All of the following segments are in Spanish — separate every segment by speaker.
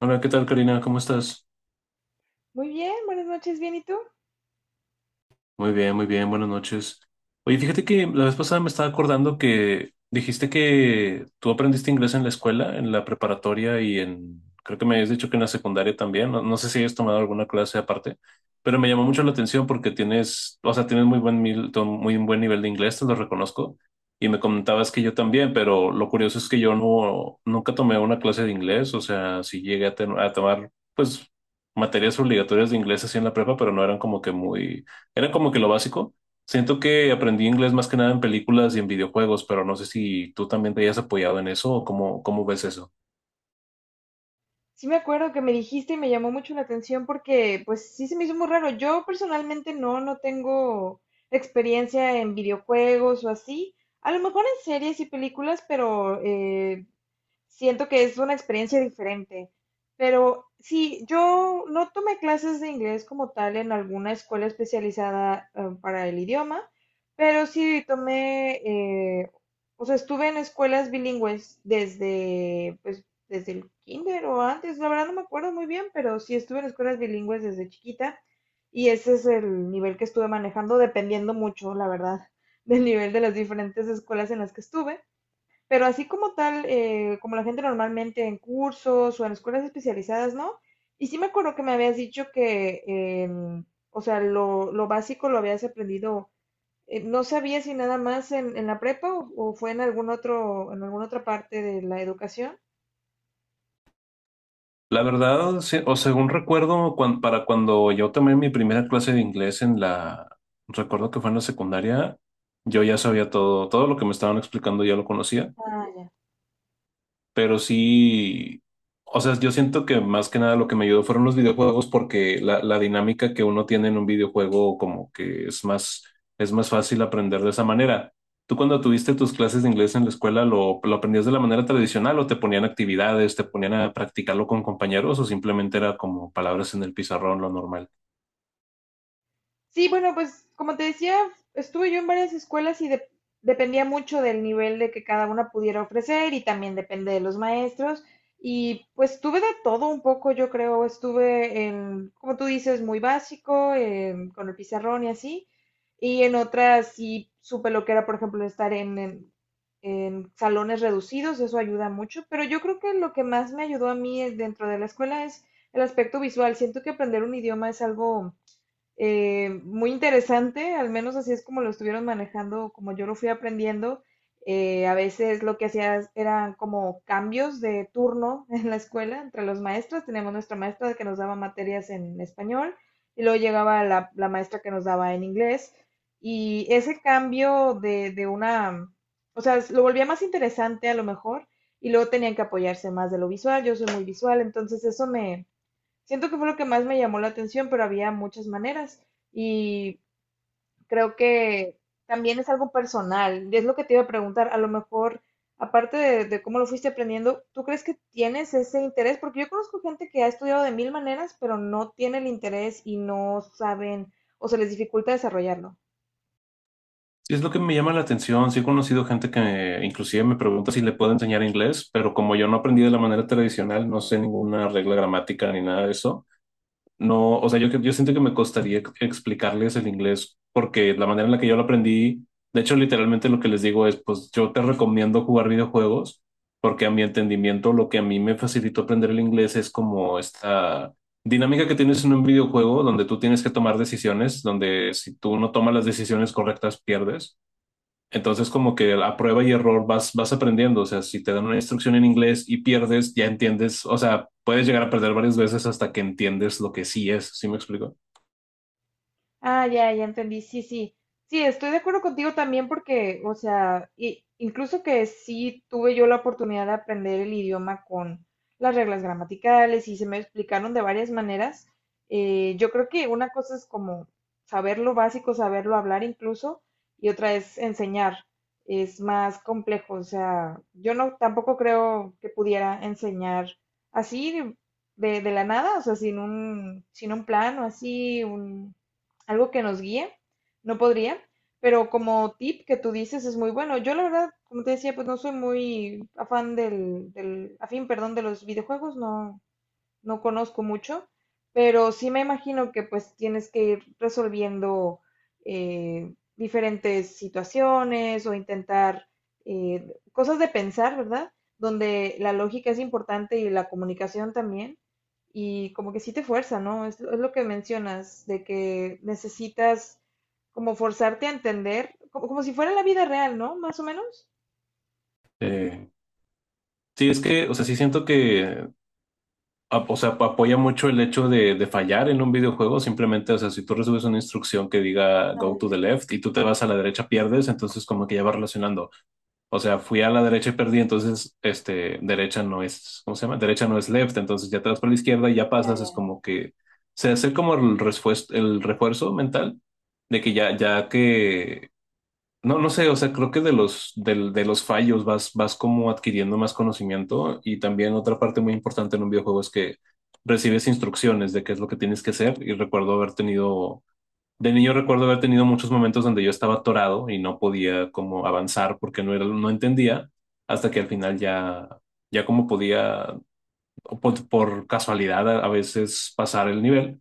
Speaker 1: Hola, ¿qué tal, Karina? ¿Cómo estás?
Speaker 2: Muy bien, buenas noches, bien, ¿y tú?
Speaker 1: Muy bien, buenas noches. Oye, fíjate que la vez pasada me estaba acordando que dijiste que tú aprendiste inglés en la escuela, en la preparatoria y en, creo que me habías dicho que en la secundaria también, no, no sé si hayas tomado alguna clase aparte, pero me llamó mucho la atención porque tienes, o sea, tienes muy buen, muy buen nivel de inglés, te lo reconozco, y me comentabas que yo también, pero lo curioso es que yo no, nunca tomé una clase de inglés, o sea, sí llegué a, a tomar, pues, materias obligatorias de inglés así en la prepa, pero no eran como que muy, era como que lo básico. Siento que aprendí inglés más que nada en películas y en videojuegos, pero no sé si tú también te hayas apoyado en eso o cómo, cómo ves eso.
Speaker 2: Sí me acuerdo que me dijiste y me llamó mucho la atención porque pues sí se me hizo muy raro. Yo personalmente no tengo experiencia en videojuegos o así. A lo mejor en series y películas, pero siento que es una experiencia diferente. Pero sí, yo no tomé clases de inglés como tal en alguna escuela especializada, para el idioma, pero sí tomé, o sea, estuve en escuelas bilingües desde, pues, desde el kinder o antes, la verdad no me acuerdo muy bien, pero sí estuve en escuelas bilingües desde chiquita y ese es el nivel que estuve manejando, dependiendo mucho, la verdad, del nivel de las diferentes escuelas en las que estuve. Pero así como tal, como la gente normalmente en cursos o en escuelas especializadas, ¿no? Y sí me acuerdo que me habías dicho que, o sea, lo básico lo habías aprendido. Eh, no sabía si nada más en la prepa o fue en algún otro, en alguna otra parte de la educación.
Speaker 1: La verdad, sí, o según recuerdo, para cuando yo tomé mi primera clase de inglés en la, recuerdo que fue en la secundaria, yo ya sabía todo, todo lo que me estaban explicando ya lo conocía.
Speaker 2: Ah.
Speaker 1: Pero sí, o sea, yo siento que más que nada lo que me ayudó fueron los videojuegos porque la dinámica que uno tiene en un videojuego como que es más fácil aprender de esa manera. ¿Tú cuando tuviste tus clases de inglés en la escuela lo aprendías de la manera tradicional o te ponían actividades, te ponían a practicarlo con compañeros o simplemente era como palabras en el pizarrón, lo normal?
Speaker 2: Sí, bueno, pues como te decía, estuve yo en varias escuelas y dependía mucho del nivel de que cada una pudiera ofrecer y también depende de los maestros. Y pues tuve de todo un poco, yo creo, estuve en, como tú dices, muy básico, con el pizarrón y así. Y en otras sí supe lo que era, por ejemplo, estar en, en salones reducidos, eso ayuda mucho. Pero yo creo que lo que más me ayudó a mí dentro de la escuela es el aspecto visual. Siento que aprender un idioma es algo muy interesante, al menos así es como lo estuvieron manejando, como yo lo fui aprendiendo. A veces lo que hacías eran como cambios de turno en la escuela entre los maestros. Teníamos nuestra maestra que nos daba materias en español y luego llegaba la maestra que nos daba en inglés. Y ese cambio de una, o sea, lo volvía más interesante a lo mejor y luego tenían que apoyarse más de lo visual. Yo soy muy visual, entonces eso me... Siento que fue lo que más me llamó la atención, pero había muchas maneras y creo que también es algo personal. Y es lo que te iba a preguntar. A lo mejor, aparte de cómo lo fuiste aprendiendo, ¿tú crees que tienes ese interés? Porque yo conozco gente que ha estudiado de mil maneras, pero no tiene el interés y no saben o se les dificulta desarrollarlo.
Speaker 1: Sí, es lo que me llama la atención. Sí he conocido gente que inclusive me pregunta si le puedo enseñar inglés, pero como yo no aprendí de la manera tradicional, no sé ninguna regla gramática ni nada de eso, no, o sea, yo siento que me costaría explicarles el inglés porque la manera en la que yo lo aprendí, de hecho, literalmente lo que les digo es, pues yo te recomiendo jugar videojuegos porque a mi entendimiento lo que a mí me facilitó aprender el inglés es como esta dinámica que tienes en un videojuego donde tú tienes que tomar decisiones, donde si tú no tomas las decisiones correctas, pierdes. Entonces, como que a prueba y error vas, vas aprendiendo. O sea, si te dan una instrucción en inglés y pierdes, ya entiendes. O sea, puedes llegar a perder varias veces hasta que entiendes lo que sí es. ¿Sí me explico?
Speaker 2: Ah, ya, ya entendí. Sí, sí. Sí, estoy de acuerdo contigo también porque, o sea, incluso que sí tuve yo la oportunidad de aprender el idioma con las reglas gramaticales y se me explicaron de varias maneras. Eh, yo creo que una cosa es como saber lo básico, saberlo hablar incluso, y otra es enseñar. Es más complejo. O sea, yo no tampoco creo que pudiera enseñar así de la nada, o sea, sin un plan o así, un algo que nos guíe, no podría, pero como tip que tú dices es muy bueno. Yo la verdad, como te decía, pues no soy muy afán del afín, perdón, de los videojuegos, no, no conozco mucho, pero sí me imagino que pues tienes que ir resolviendo diferentes situaciones o intentar cosas de pensar, ¿verdad? Donde la lógica es importante y la comunicación también. Y como que sí te fuerza, ¿no? Es lo que mencionas, de que necesitas como forzarte a entender, como, como si fuera la vida real, ¿no? Más o menos.
Speaker 1: Eh, sí, es que, o sea, sí siento que o sea, apoya mucho el hecho de fallar en un videojuego. Simplemente, o sea, si tú recibes una instrucción que diga
Speaker 2: Ah,
Speaker 1: go to the
Speaker 2: ya,
Speaker 1: left y tú te vas a la derecha, pierdes, entonces como que ya va relacionando. O sea, fui a la derecha y perdí, entonces, este, derecha no es, ¿cómo se llama? Derecha no es left, entonces ya te vas por la izquierda y ya
Speaker 2: ya,
Speaker 1: pasas, es
Speaker 2: ya.
Speaker 1: como que se hace como el refuerzo mental de que ya, ya que no, no sé, o sea, creo que de los, los fallos vas, vas como adquiriendo más conocimiento y también otra parte muy importante en un videojuego es que recibes instrucciones de qué es lo que tienes que hacer y recuerdo haber tenido, de niño recuerdo haber tenido muchos momentos donde yo estaba atorado y no podía como avanzar porque no era, no entendía hasta que al final ya, ya como podía, o por casualidad a veces pasar el nivel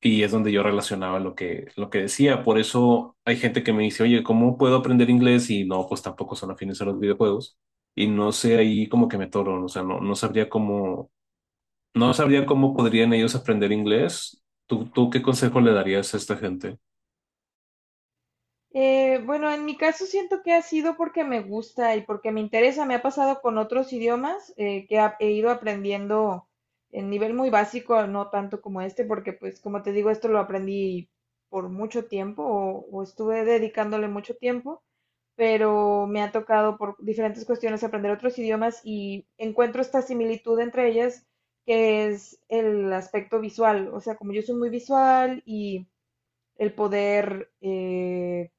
Speaker 1: y es donde yo relacionaba lo que decía. Por eso hay gente que me dice, oye, ¿cómo puedo aprender inglés? Y no, pues tampoco son afines a los videojuegos. Y no sé ahí como que me toro, o sea, no, no sabría cómo, no sabría cómo podrían ellos aprender inglés. ¿Tú qué consejo le darías a esta gente?
Speaker 2: Bueno, en mi caso siento que ha sido porque me gusta y porque me interesa. Me ha pasado con otros idiomas que he ido aprendiendo en nivel muy básico, no tanto como este, porque pues como te digo, esto lo aprendí por mucho tiempo o estuve dedicándole mucho tiempo, pero me ha tocado por diferentes cuestiones aprender otros idiomas y encuentro esta similitud entre ellas, que es el aspecto visual. O sea, como yo soy muy visual y el poder...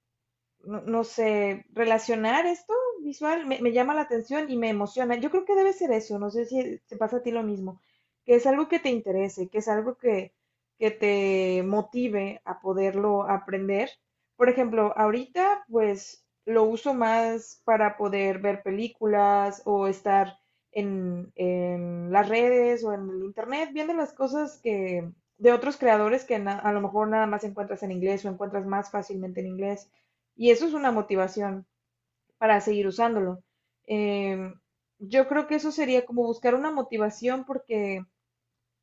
Speaker 2: no, no sé, relacionar esto visual me, me llama la atención y me emociona. Yo creo que debe ser eso, no sé si te pasa a ti lo mismo, que es algo que te interese, que es algo que te motive a poderlo aprender. Por ejemplo, ahorita pues lo uso más para poder ver películas o estar en las redes o en el internet viendo las cosas que de otros creadores que a lo mejor nada más encuentras en inglés o encuentras más fácilmente en inglés. Y eso es una motivación para seguir usándolo. Eh, yo creo que eso sería como buscar una motivación porque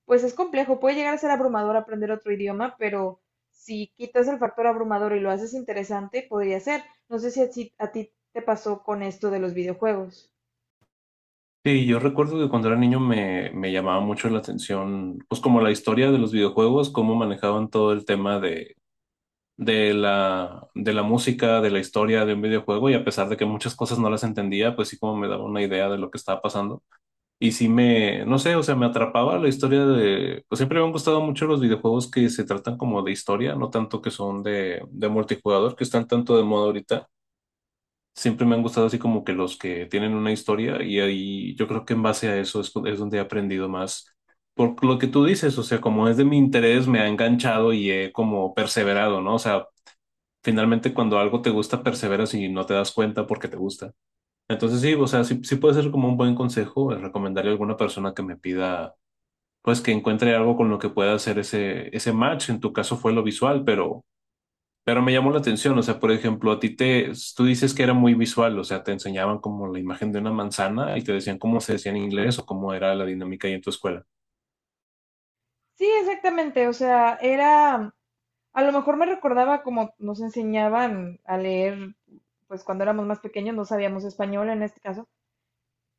Speaker 2: pues es complejo, puede llegar a ser abrumador aprender otro idioma, pero si quitas el factor abrumador y lo haces interesante, podría ser. No sé si a ti te pasó con esto de los videojuegos.
Speaker 1: Sí, yo recuerdo que cuando era niño me, me llamaba mucho la atención, pues como la historia de los videojuegos, cómo manejaban todo el tema de, de la música, de la historia de un videojuego y a pesar de que muchas cosas no las entendía, pues sí como me daba una idea de lo que estaba pasando. Y sí me, no sé, o sea, me atrapaba la historia de, pues siempre me han gustado mucho los videojuegos que se tratan como de historia, no tanto que son de multijugador, que están tanto de moda ahorita. Siempre me han gustado así como que los que tienen una historia y ahí yo creo que en base a eso es donde he aprendido más. Por lo que tú dices, o sea, como es de mi interés, me ha enganchado y he como perseverado, ¿no? O sea, finalmente cuando algo te gusta, perseveras y no te das cuenta porque te gusta. Entonces sí, o sea, sí, sí puede ser como un buen consejo el recomendarle a alguna persona que me pida, pues que encuentre algo con lo que pueda hacer ese, ese match. En tu caso fue lo visual, pero me llamó la atención. O sea, por ejemplo, a ti te, tú dices que era muy visual, o sea, te enseñaban como la imagen de una manzana y te decían cómo se decía en inglés o cómo era la dinámica ahí en tu escuela.
Speaker 2: Sí, exactamente, o sea, era, a lo mejor me recordaba como nos enseñaban a leer, pues cuando éramos más pequeños no sabíamos español en este caso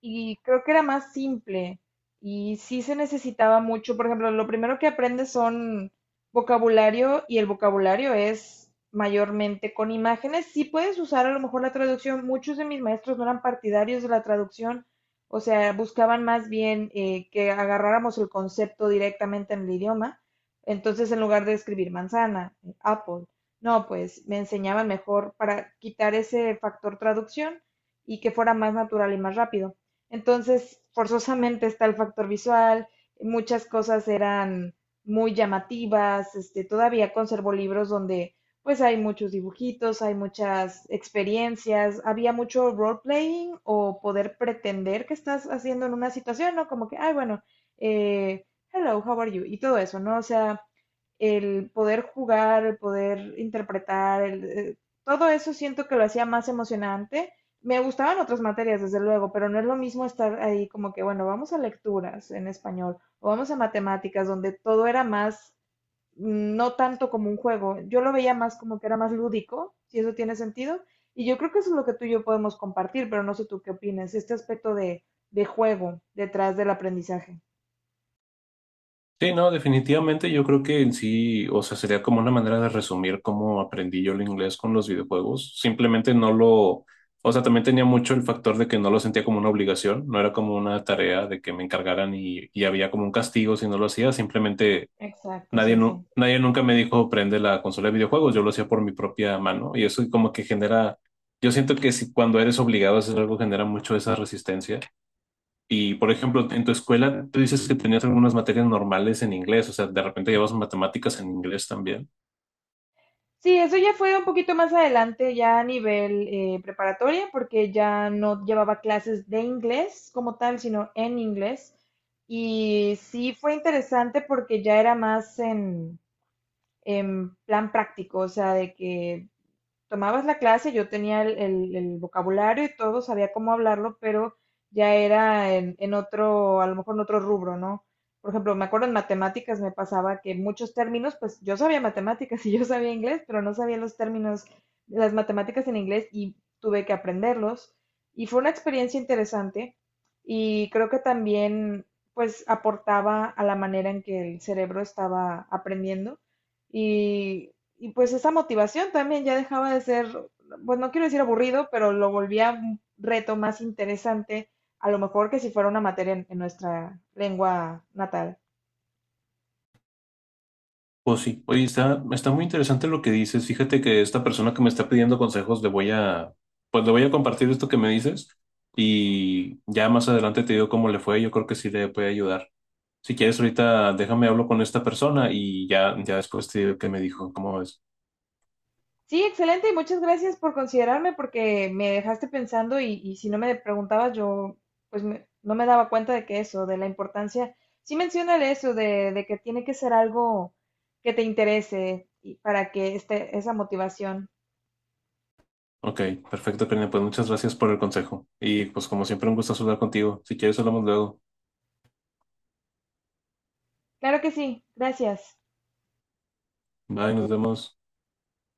Speaker 2: y creo que era más simple y sí se necesitaba mucho. Por ejemplo, lo primero que aprendes son vocabulario y el vocabulario es mayormente con imágenes. Sí puedes usar a lo mejor la traducción. Muchos de mis maestros no eran partidarios de la traducción, o sea, buscaban más bien que agarráramos el concepto directamente en el idioma. Entonces, en lugar de escribir manzana, apple, no, pues me enseñaban mejor para quitar ese factor traducción y que fuera más natural y más rápido. Entonces, forzosamente está el factor visual, muchas cosas eran muy llamativas, este, todavía conservo libros donde pues hay muchos dibujitos, hay muchas experiencias, había mucho role-playing o poder pretender que estás haciendo en una situación, ¿no? Como que, ay, bueno, eh, hello, how are you? Y todo eso, ¿no? O sea, el poder jugar, el poder interpretar, el, todo eso siento que lo hacía más emocionante. Me gustaban otras materias, desde luego, pero no es lo mismo estar ahí como que, bueno, vamos a lecturas en español o vamos a matemáticas, donde todo era más, mm, no tanto como un juego. Yo lo veía más como que era más lúdico, si eso tiene sentido. Y yo creo que eso es lo que tú y yo podemos compartir, pero no sé tú qué opinas, este aspecto de juego detrás del aprendizaje.
Speaker 1: Sí, no, definitivamente yo creo que en sí, o sea, sería como una manera de resumir cómo aprendí yo el inglés con los videojuegos. Simplemente no lo, o sea, también tenía mucho el factor de que no lo sentía como una obligación, no era como una tarea de que me encargaran y había como un castigo si no lo hacía. Simplemente
Speaker 2: Exacto,
Speaker 1: nadie,
Speaker 2: sí, sí.
Speaker 1: nadie nunca me dijo prende la consola de videojuegos, yo lo hacía por mi propia mano y eso como que genera, yo siento que si cuando eres obligado a hacer algo genera mucho esa resistencia. Y, por ejemplo, en tu escuela, tú dices que tenías algunas materias normales en inglés, o sea, de repente llevas matemáticas en inglés también.
Speaker 2: Sí, eso ya fue un poquito más adelante, ya a nivel preparatoria, porque ya no llevaba clases de inglés como tal, sino en inglés. Y sí fue interesante porque ya era más en plan práctico, o sea, de que tomabas la clase, yo tenía el, el vocabulario y todo, sabía cómo hablarlo, pero ya era en otro, a lo mejor en otro rubro, ¿no? Por ejemplo, me acuerdo en matemáticas me pasaba que muchos términos, pues yo sabía matemáticas y yo sabía inglés, pero no sabía los términos, las matemáticas en inglés y tuve que aprenderlos. Y fue una experiencia interesante y creo que también pues aportaba a la manera en que el cerebro estaba aprendiendo. Y y pues esa motivación también ya dejaba de ser, pues no quiero decir aburrido, pero lo volvía un reto más interesante, a lo mejor que si fuera una materia en nuestra lengua natal.
Speaker 1: Pues sí, oye, está, está muy interesante lo que dices. Fíjate que esta persona que me está pidiendo consejos, le voy a, pues le voy a compartir esto que me dices y ya más adelante te digo cómo le fue. Yo creo que sí le puede ayudar. Si quieres, ahorita déjame hablo con esta persona y ya, ya después te digo qué me dijo, cómo ves.
Speaker 2: Sí, excelente y muchas gracias por considerarme porque me dejaste pensando y si no me preguntabas yo pues no me daba cuenta de que eso, de la importancia. Sí menciona eso, de que tiene que ser algo que te interese y para que esté esa motivación.
Speaker 1: Ok, perfecto, Karina, pues muchas gracias por el consejo. Y pues como siempre, un gusto hablar contigo. Si quieres, hablamos luego.
Speaker 2: Claro que sí, gracias.
Speaker 1: Bye, nos vemos.